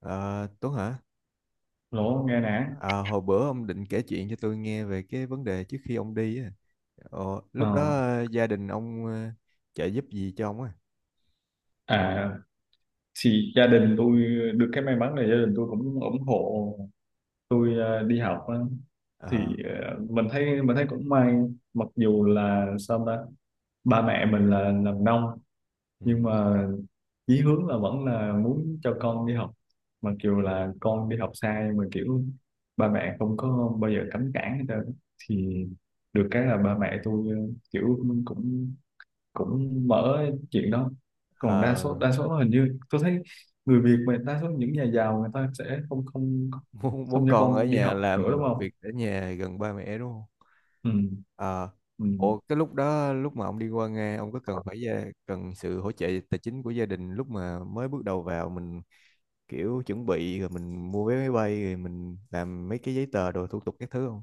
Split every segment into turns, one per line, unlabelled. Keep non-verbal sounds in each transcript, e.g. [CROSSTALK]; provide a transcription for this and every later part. Ờ, Tuấn hả?
Lỗ Nga Nẵng
À, hồi bữa ông định kể chuyện cho tôi nghe về cái vấn đề trước khi ông đi á. Ờ,
ờ.
lúc đó ờ, gia đình ông trợ giúp gì cho ông á?
à thì gia đình tôi được cái may mắn là gia đình tôi cũng ủng hộ tôi đi học á. Thì
Ờ,
mình thấy cũng may, mặc dù là sao ta, ba mẹ mình là làm nông,
ừ.
nhưng mà chí hướng là vẫn là muốn cho con đi học. Mặc dù là con đi học sai mà kiểu, ba mẹ không có bao giờ cấm cản hết trơn. Thì được cái là ba mẹ tôi kiểu cũng cũng mở chuyện đó. Còn đa
Ờ,
số đa số hình như tôi thấy người Việt mà đa số những nhà giàu người ta sẽ không không
[LAUGHS] muốn muốn
không cho
con ở
con đi
nhà
học nữa, đúng
làm
không?
việc ở nhà gần ba mẹ đúng không?
Ừ,
Ờ,
ừ.
ủa cái lúc đó lúc mà ông đi qua Nga, ông có cần phải gia, cần sự hỗ trợ tài chính của gia đình lúc mà mới bước đầu vào, mình kiểu chuẩn bị rồi mình mua vé máy bay rồi mình làm mấy cái giấy tờ đồ thủ tục các thứ không?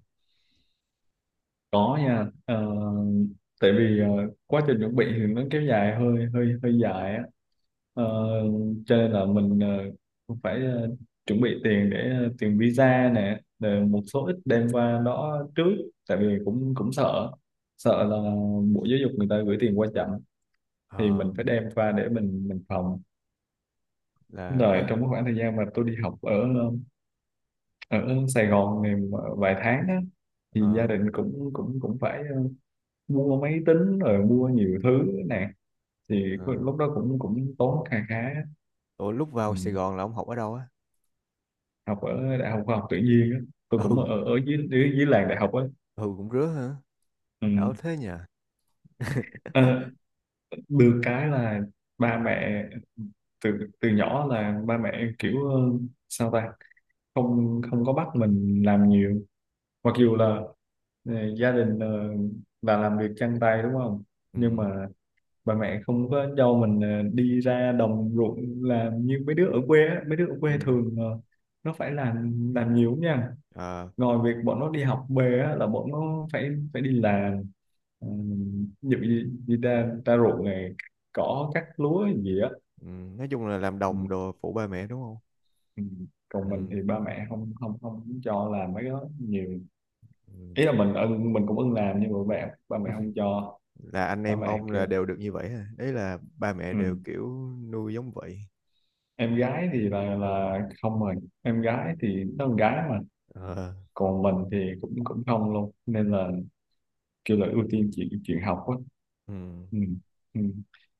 Có nha. Ờ, tại vì quá trình chuẩn bị thì nó kéo dài hơi hơi hơi dài á. Ờ,
Ừ.
cho nên là mình phải chuẩn bị tiền để tiền visa nè, rồi một số ít đem qua đó trước. Tại vì cũng cũng sợ, là Bộ Giáo dục người ta gửi tiền qua chậm, thì
Ờ.
mình phải đem qua để mình phòng.
Là
Rồi
cái
trong cái khoảng thời gian mà tôi đi học ở ở Sài Gòn này vài tháng á, thì
ờ
gia đình cũng cũng cũng phải mua máy tính rồi mua nhiều thứ nè. Thì
ờ
lúc đó cũng cũng tốn kha khá á.
ủa, lúc
Ừ.
vào Sài Gòn là ông học ở đâu á?
Học ở đại học khoa học tự nhiên á. Tôi
[LAUGHS]
cũng
Ừ,
ở ở dưới dưới, dưới làng đại học á.
ừ, cũng rứa hả?
Ừ.
Ở thế nhỉ. [LAUGHS]
Ờ, được cái là ba mẹ từ từ nhỏ là ba mẹ kiểu sao ta, không không có bắt mình làm nhiều, mặc dù là, này, gia đình là làm việc chân tay, đúng không?
Ừ,
Nhưng mà bà mẹ không có cho mình đi ra đồng ruộng làm như mấy đứa ở quê á. Mấy đứa ở quê
ừ,
thường nó phải làm nhiều nha.
à,
Ngoài việc bọn nó đi học về á, là bọn nó phải phải đi làm, uh, ví dụ như đi ra ruộng này, cỏ cắt lúa gì á.
ừ. Nói chung là làm
Ừ,
đồng đồ phụ ba mẹ đúng không?
ừ. Còn mình
Ừ,
thì ba mẹ không không không cho làm mấy cái đó nhiều.
ừ.
Ý là mình cũng ưng làm, nhưng mà ba mẹ không
[LAUGHS]
cho,
Là anh
ba
em
mẹ
ông
kêu.
là đều được như vậy hả? Đấy là ba mẹ
Ừ.
đều kiểu nuôi giống vậy?
Em gái thì là không rồi, em gái thì nó con gái mà.
Ờ,
Còn mình thì cũng cũng không luôn, nên là kêu là ưu tiên chuyện chuyện học á.
ừ,
Ừ. Ừ.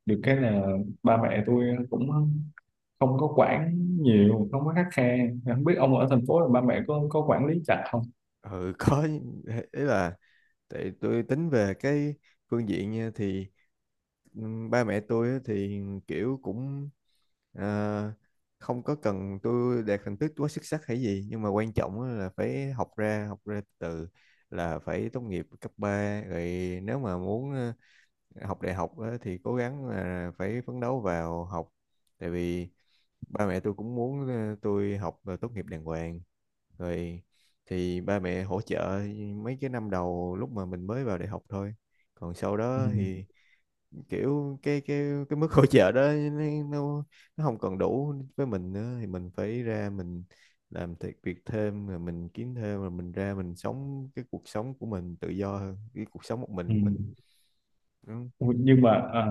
Được cái là ba mẹ tôi cũng không có quản nhiều, không có khắt khe. Không biết ông ở thành phố là ba mẹ có quản lý chặt không?
ừ, có. Ấy là, tại tôi tính về cái phương diện nha, thì ba mẹ tôi á thì kiểu cũng, à, không có cần tôi đạt thành tích quá xuất sắc hay gì, nhưng mà quan trọng á là phải học ra từ, là phải tốt nghiệp cấp 3 rồi. Nếu mà muốn học đại học á thì cố gắng là phải phấn đấu vào học. Tại vì ba mẹ tôi cũng muốn tôi học và tốt nghiệp đàng hoàng rồi, thì ba mẹ hỗ trợ mấy cái năm đầu lúc mà mình mới vào đại học thôi, còn sau
Ừ.
đó thì kiểu cái mức [LAUGHS] hỗ trợ đó nó nó không còn đủ với mình nữa, thì mình phải ra, mình làm thiệt việc thêm rồi mình kiếm thêm rồi mình ra mình sống cái cuộc sống của mình tự do hơn cái cuộc sống một mình
Ừ.
của mình. Ừ.
Ui, nhưng mà à,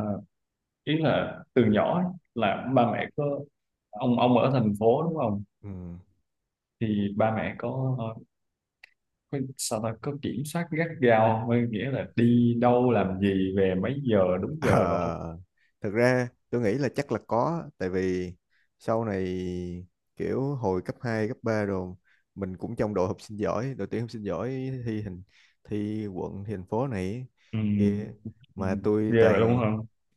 ý là từ nhỏ ấy, là ba mẹ có, ông ở thành phố đúng không?
Ừ.
Thì ba mẹ có sao ta có kiểm soát gắt gao, có nghĩa là đi đâu làm gì về mấy giờ đúng
Ờ,
giờ đâu không?
thật ra tôi nghĩ là chắc là có, tại vì sau này kiểu hồi cấp 2 cấp 3 rồi, mình cũng trong đội học sinh giỏi, đội tuyển học sinh giỏi, thi hình, thi quận, thi thành phố này
Ừ,
kia
ừ,
mà tôi
ghê vậy luôn hả?
toàn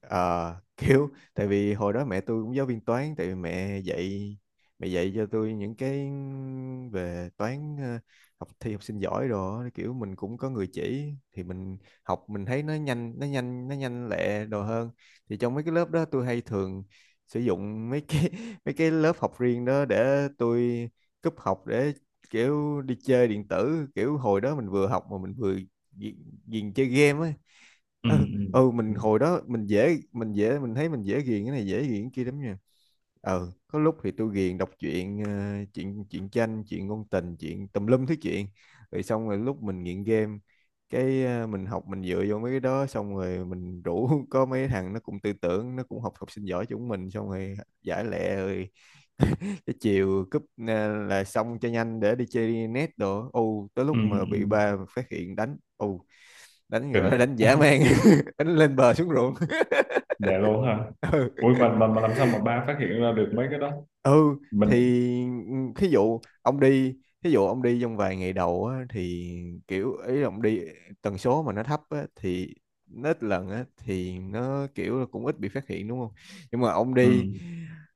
[LAUGHS] kiểu, tại vì hồi đó mẹ tôi cũng giáo viên toán, tại vì mẹ dạy cho tôi những cái về toán. Ờ, Học thi học sinh giỏi rồi á, kiểu mình cũng có người chỉ thì mình học, mình thấy nó nhanh lẹ đồ hơn. Thì trong mấy cái lớp đó tôi hay thường sử dụng mấy cái [LAUGHS] mấy cái lớp học riêng đó để tôi cúp học, để kiểu đi chơi điện tử. Kiểu hồi đó mình vừa học mà mình vừa ghiền chơi game ấy.
Ừ,
Ừ,
ừ,
ừ,
ừ,
mình hồi đó mình thấy mình dễ ghiền cái này, dễ ghiền cái kia lắm nha. Ừ, có lúc thì tôi ghiền đọc truyện chuyện chuyện tranh, chuyện ngôn tình, chuyện tùm lum thứ chuyện. Rồi xong rồi lúc mình nghiện game, cái à, mình học mình dựa vô mấy cái đó, xong rồi mình rủ [LAUGHS] có mấy thằng nó cũng tư tưởng, nó cũng học học sinh giỏi chúng mình, xong rồi giải lẹ rồi cái chiều cúp à, là xong cho nhanh để đi chơi net đồ ô, tới
ừ,
lúc mà bị ba
ừ.
phát hiện đánh ô, đánh gọi
Kinh.
là [LAUGHS] đánh dã man,
[LAUGHS]
[LAUGHS] đánh lên bờ xuống ruộng.
Để luôn hả?
[LAUGHS] Ừ.
Ui, mà làm sao mà ba phát hiện ra được mấy cái đó?
Ừ
Mình.
thì ừ, thí dụ ông đi trong vài ngày đầu á, thì kiểu ấy ông đi tần số mà nó thấp á, thì nó ít lần á, thì nó kiểu là cũng ít bị phát hiện đúng không. Nhưng mà
Ừ,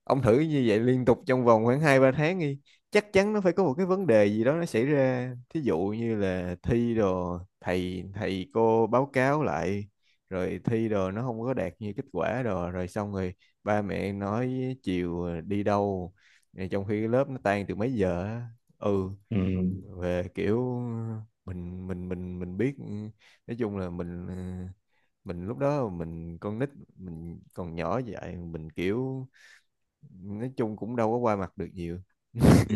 ông thử như vậy liên tục trong vòng khoảng hai ba tháng đi, chắc chắn nó phải có một cái vấn đề gì đó nó xảy ra, thí dụ như là thi đồ thầy thầy cô báo cáo lại, rồi thi đồ nó không có đạt như kết quả đồ, rồi xong rồi ba mẹ nói chiều à, đi đâu, Ờ, trong khi cái lớp nó tan từ mấy giờ á. Ừ,
ừ,
về kiểu mình biết ừ, nói chung là mình lúc đó, mình con nít, mình còn nhỏ vậy, mình kiểu nói chung cũng đâu có qua mặt được nhiều.
ừ,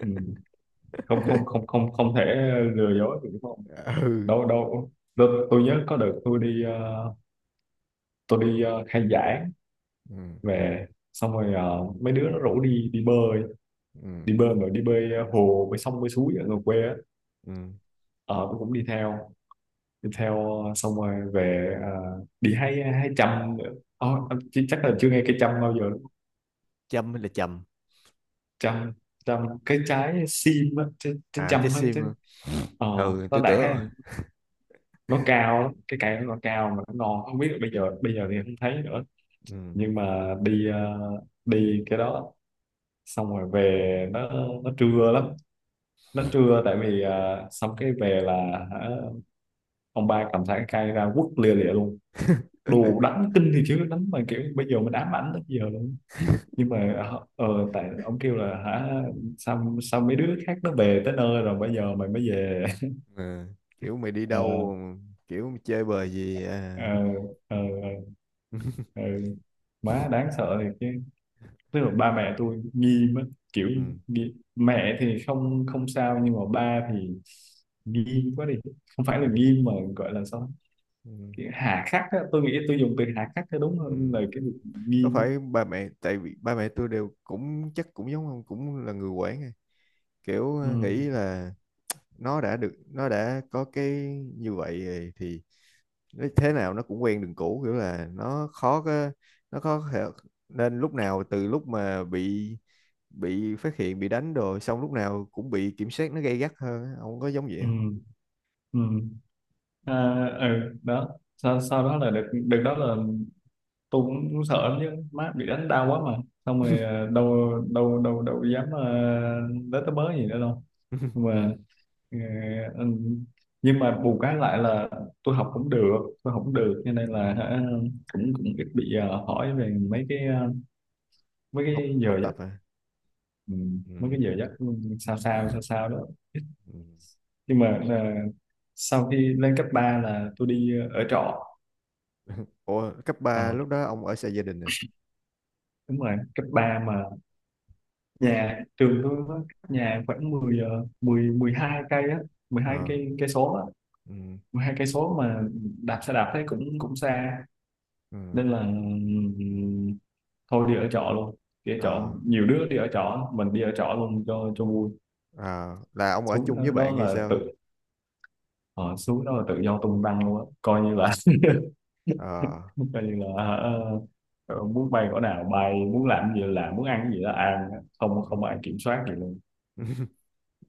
ừ. không không không không không thể lừa dối được đúng không?
[LAUGHS] Ừ,
Đâu đâu. Tôi nhớ có đợt tôi đi tôi đi khai giảng
ừ,
về. Xong rồi mấy đứa nó rủ đi đi bơi.
ừ,
Đi bơi mà đi bơi hồ bơi sông bơi suối ở ngoài quê á.
ừ.
Ờ, tôi cũng đi theo, xong rồi về. À, đi hay hay chăm nữa. Chứ chắc là chưa nghe cây chăm bao giờ đúng không?
Chăm hay là chầm?
Chăm, chăm cái trái sim á, trái
À, trái
chăm á
sim
chứ.
hả?
Ờ,
Ừ,
nó
tôi
đại khái
tưởng.
là nó cao lắm, cái cây nó cao mà nó ngon, không biết là bây giờ thì không thấy nữa.
Ừ.
Nhưng mà đi đi cái đó xong rồi về, nó trưa lắm. Nó trưa, tại vì à, xong cái về là, hả, ông ba cầm thẳng khai ra quất lia lịa luôn. Đồ đánh kinh thì chứ, đánh mà kiểu bây giờ mình ám ảnh tới giờ luôn.
[LAUGHS]
Nhưng mà tại ông kêu là, hả, sao sao mấy đứa khác nó về tới nơi rồi bây giờ mày mới về? [LAUGHS]
Ờ, kiểu mày đi
ờ
đâu, kiểu mày chơi bời gì
ờ
à.
ờ
[LAUGHS]
ờ Má đáng sợ thiệt chứ. Tức là ba mẹ tôi nghi mất, kiểu,
Ừ.
nghi. Mẹ thì không không sao, nhưng mà ba thì nghiêm quá đi. Không phải
Ừ,
là nghiêm mà gọi là sao?
ừ,
Kiểu hà khắc á, tôi nghĩ tôi dùng từ hà khắc cho đúng
ừ.
hơn là cái việc
Có
nghiêm á.
phải ba mẹ, tại vì ba mẹ tôi đều cũng chắc cũng giống ông, cũng là người quản à, kiểu
Ừ,
nghĩ là nó đã được, nó đã có cái như vậy rồi thì nó thế nào nó cũng quen đường cũ, kiểu là nó khó có, nó khó thể- nên lúc nào, từ lúc mà bị phát hiện, bị đánh rồi xong, lúc nào cũng bị kiểm soát nó gay gắt hơn á. Ông có giống vậy
ừ, ừ. À, ừ đó. Sau đó là được được đó là, tôi cũng sợ lắm chứ má, bị đánh đau quá mà, xong rồi à, đâu đâu đâu đâu dám, tới tới bớ gì nữa đâu.
không?
Nhưng
[LAUGHS]
mà ờ, ừ, nhưng mà bù cái lại là, tôi học cũng được tôi học cũng được cho nên
Ừ.
là, hả, cũng cũng ít bị hỏi về mấy cái mấy
học
cái
Học
giờ,
tập à.
ừ, mấy
Ừ.
cái giờ giấc, sao sao sao sao đó.
Ừ.
Nhưng mà là sau khi lên cấp 3 là tôi đi ở trọ.
Ủa cấp 3
Ờ,
lúc đó ông ở xa gia đình à?
đúng rồi cấp 3 mà, nhà trường tôi nó cách nhà khoảng mười, 12 cây á, mười hai
Ờ.
cây cây số á.
Ừ,
12 cây số mà đạp xe đạp thấy cũng cũng xa,
ừ,
nên là thôi đi ở trọ luôn. Đi ở trọ,
ờ,
nhiều đứa đi ở trọ, mình đi ở trọ luôn cho vui.
ờ, là ông ở
Xuống
chung với
đó
bạn hay
là
sao?
ờ, xuống đó là tự do tung tăng luôn á, coi như là. [LAUGHS]
Ờ.
Coi như là ờ, muốn bay cỡ nào bay, muốn làm gì là làm, muốn ăn gì là ăn, không không ai kiểm soát gì luôn.
[LAUGHS]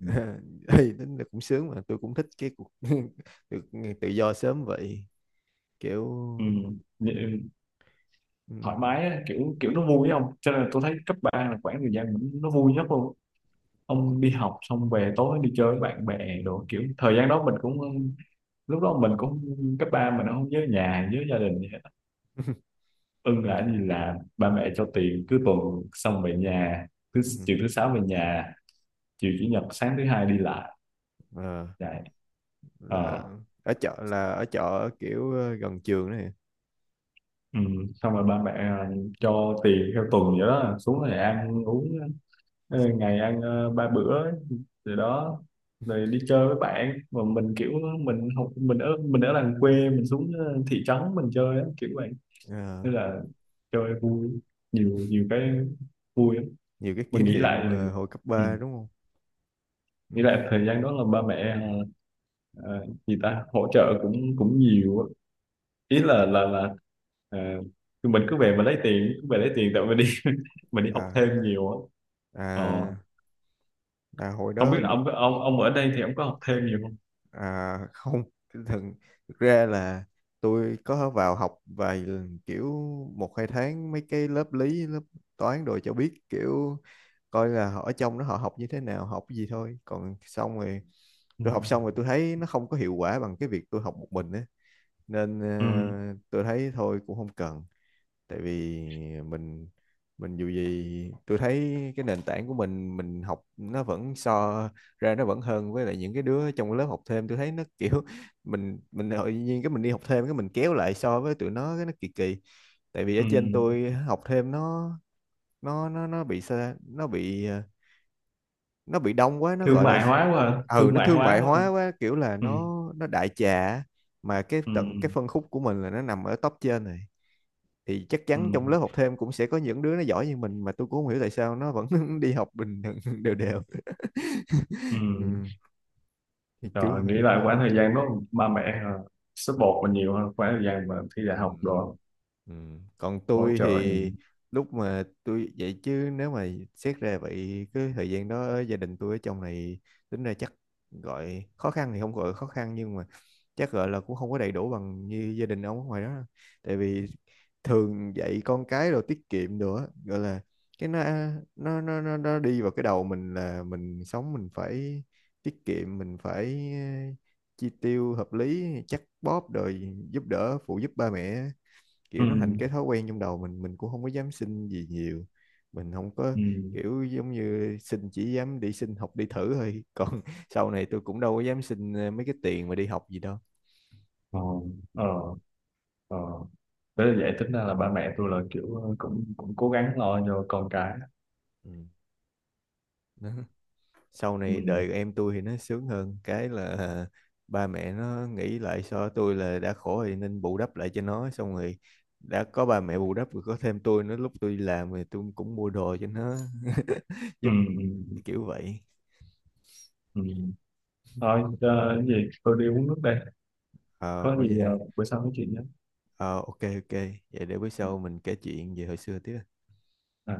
Ừ.
Thì tính là cũng sướng, mà tôi cũng thích cái cuộc [LAUGHS] được tự do sớm vậy kiểu.
Ừ. Vậy,
Ừ,
thoải mái á, kiểu kiểu nó vui không, cho nên là tôi thấy cấp 3 là khoảng thời gian nó vui nhất luôn. Ông đi học xong về tối đi chơi với bạn bè đồ, kiểu thời gian đó mình cũng, lúc đó mình cũng, cấp ba mình không nhớ nhà nhớ gia đình.
[LAUGHS]
Ưng
ừ,
là đi là ba mẹ cho tiền cứ tuần, xong về nhà thứ,
ừ,
chiều thứ sáu về nhà, chiều chủ nhật sáng thứ hai đi lại
ờ,
vậy.
là
ờ
ở chợ là ở chợ, kiểu gần trường này.
ừ. Xong rồi ba mẹ cho tiền theo tuần vậy đó, xuống rồi ăn uống, ngày ăn ba bữa. Rồi đó, rồi đi chơi với bạn mà mình kiểu, mình học, mình ở làng quê, mình xuống thị trấn mình chơi á, kiểu vậy.
Ờ,
Nên là chơi vui, nhiều nhiều cái vui lắm.
nhiều cái kỷ
Mình
niệm hồi cấp
ừ.
3 đúng không? Ừ.
Nghĩ lại thời gian đó là ba mẹ ờ, gì ta hỗ trợ cũng cũng nhiều á. Ý
à,
là ờ, tụi mình cứ về mà lấy tiền, cứ về lấy tiền tại mình đi [LAUGHS] mình đi học
à,
thêm nhiều á. ờ,
à, À, hồi
Không biết
đó.
là ông ở đây thì ông có học thêm nhiều không?
À, không, thường thực ra là tôi có vào học vài lần, kiểu một hai tháng mấy cái lớp lý, lớp toán đồ cho biết, kiểu coi là họ ở trong đó họ học như thế nào, học cái gì thôi, còn xong rồi
Ừ.
tôi học xong rồi tôi thấy nó không có hiệu quả bằng cái việc tôi học một mình á, nên
Ừ.
tôi thấy thôi cũng không cần. Tại vì mình dù gì tôi thấy cái nền tảng của mình học nó vẫn so ra nó vẫn hơn, với lại những cái đứa trong lớp học thêm tôi thấy nó [LAUGHS] kiểu mình tự nhiên cái mình đi học thêm, cái mình kéo lại so với tụi nó, cái nó kỳ kỳ, tại vì ở
Ừ.
trên tôi học thêm nó bị xa, nó bị đông quá, nó
Thương
gọi là.
mại hóa quá ha.
Ừ,
Thương
nó
mại
thương
hóa
mại
quá ha.
hóa quá, kiểu là
Ừ.
nó đại trà á. Mà cái
Ừ.
tận cái phân khúc của mình là nó nằm ở top trên rồi, thì chắc
Ừ.
chắn trong lớp học thêm cũng sẽ có những đứa nó giỏi như mình, mà tôi cũng không hiểu tại sao nó vẫn [LAUGHS] đi học bình thường [LAUGHS] đều đều.
Ừ.
Ừ, thì kiểu
Rồi nghĩ
vậy á.
lại khoảng thời gian đó, ba mẹ
Ừ.
support mình nhiều hơn khoảng thời gian mà thi đại
Ừ.
học rồi,
Ừ. Còn
hỗ
tôi
trợ nhiều.
thì lúc mà tôi, vậy chứ nếu mà xét ra vậy, cái thời gian đó gia đình tôi ở trong này tính ra chắc, gọi khó khăn thì không gọi khó khăn, nhưng mà chắc gọi là cũng không có đầy đủ bằng như gia đình ông ở ngoài đó đâu. Tại vì thường dạy con cái rồi tiết kiệm nữa, gọi là cái nó, nó đi vào cái đầu mình là mình sống mình phải tiết kiệm, mình phải chi tiêu hợp lý, chắc bóp rồi giúp đỡ phụ giúp ba mẹ,
Ừ.
kiểu nó thành cái thói quen trong đầu mình cũng không có dám xin gì nhiều, mình không có
Ừ.
kiểu giống như xin, chỉ dám đi xin học đi thử thôi, còn [LAUGHS] sau này tôi cũng đâu có dám xin mấy cái tiền mà đi học gì đâu.
ờ ờ ờ thế là vậy, tính ra là ba mẹ tôi là kiểu cũng cũng cố gắng lo cho con cái.
Ừ. Đó. Sau
Ừ,
này đời em tôi thì nó sướng hơn cái là ba mẹ nó nghĩ lại so tôi là đã khổ thì nên bù đắp lại cho nó, xong rồi đã có ba mẹ bù đắp rồi có thêm tôi nữa, lúc tôi đi làm thì tôi cũng mua đồ cho nó [LAUGHS]
ừ,
giúp,
ừ,
kiểu vậy.
ừ. Thôi cái gì tôi đi uống nước đây.
Ờ,
Có
ôi vậy
gì
ha.
bữa sau nói chuyện nhé.
Ờ, ok, ok, vậy để bữa sau mình kể chuyện về hồi xưa tiếp.
À.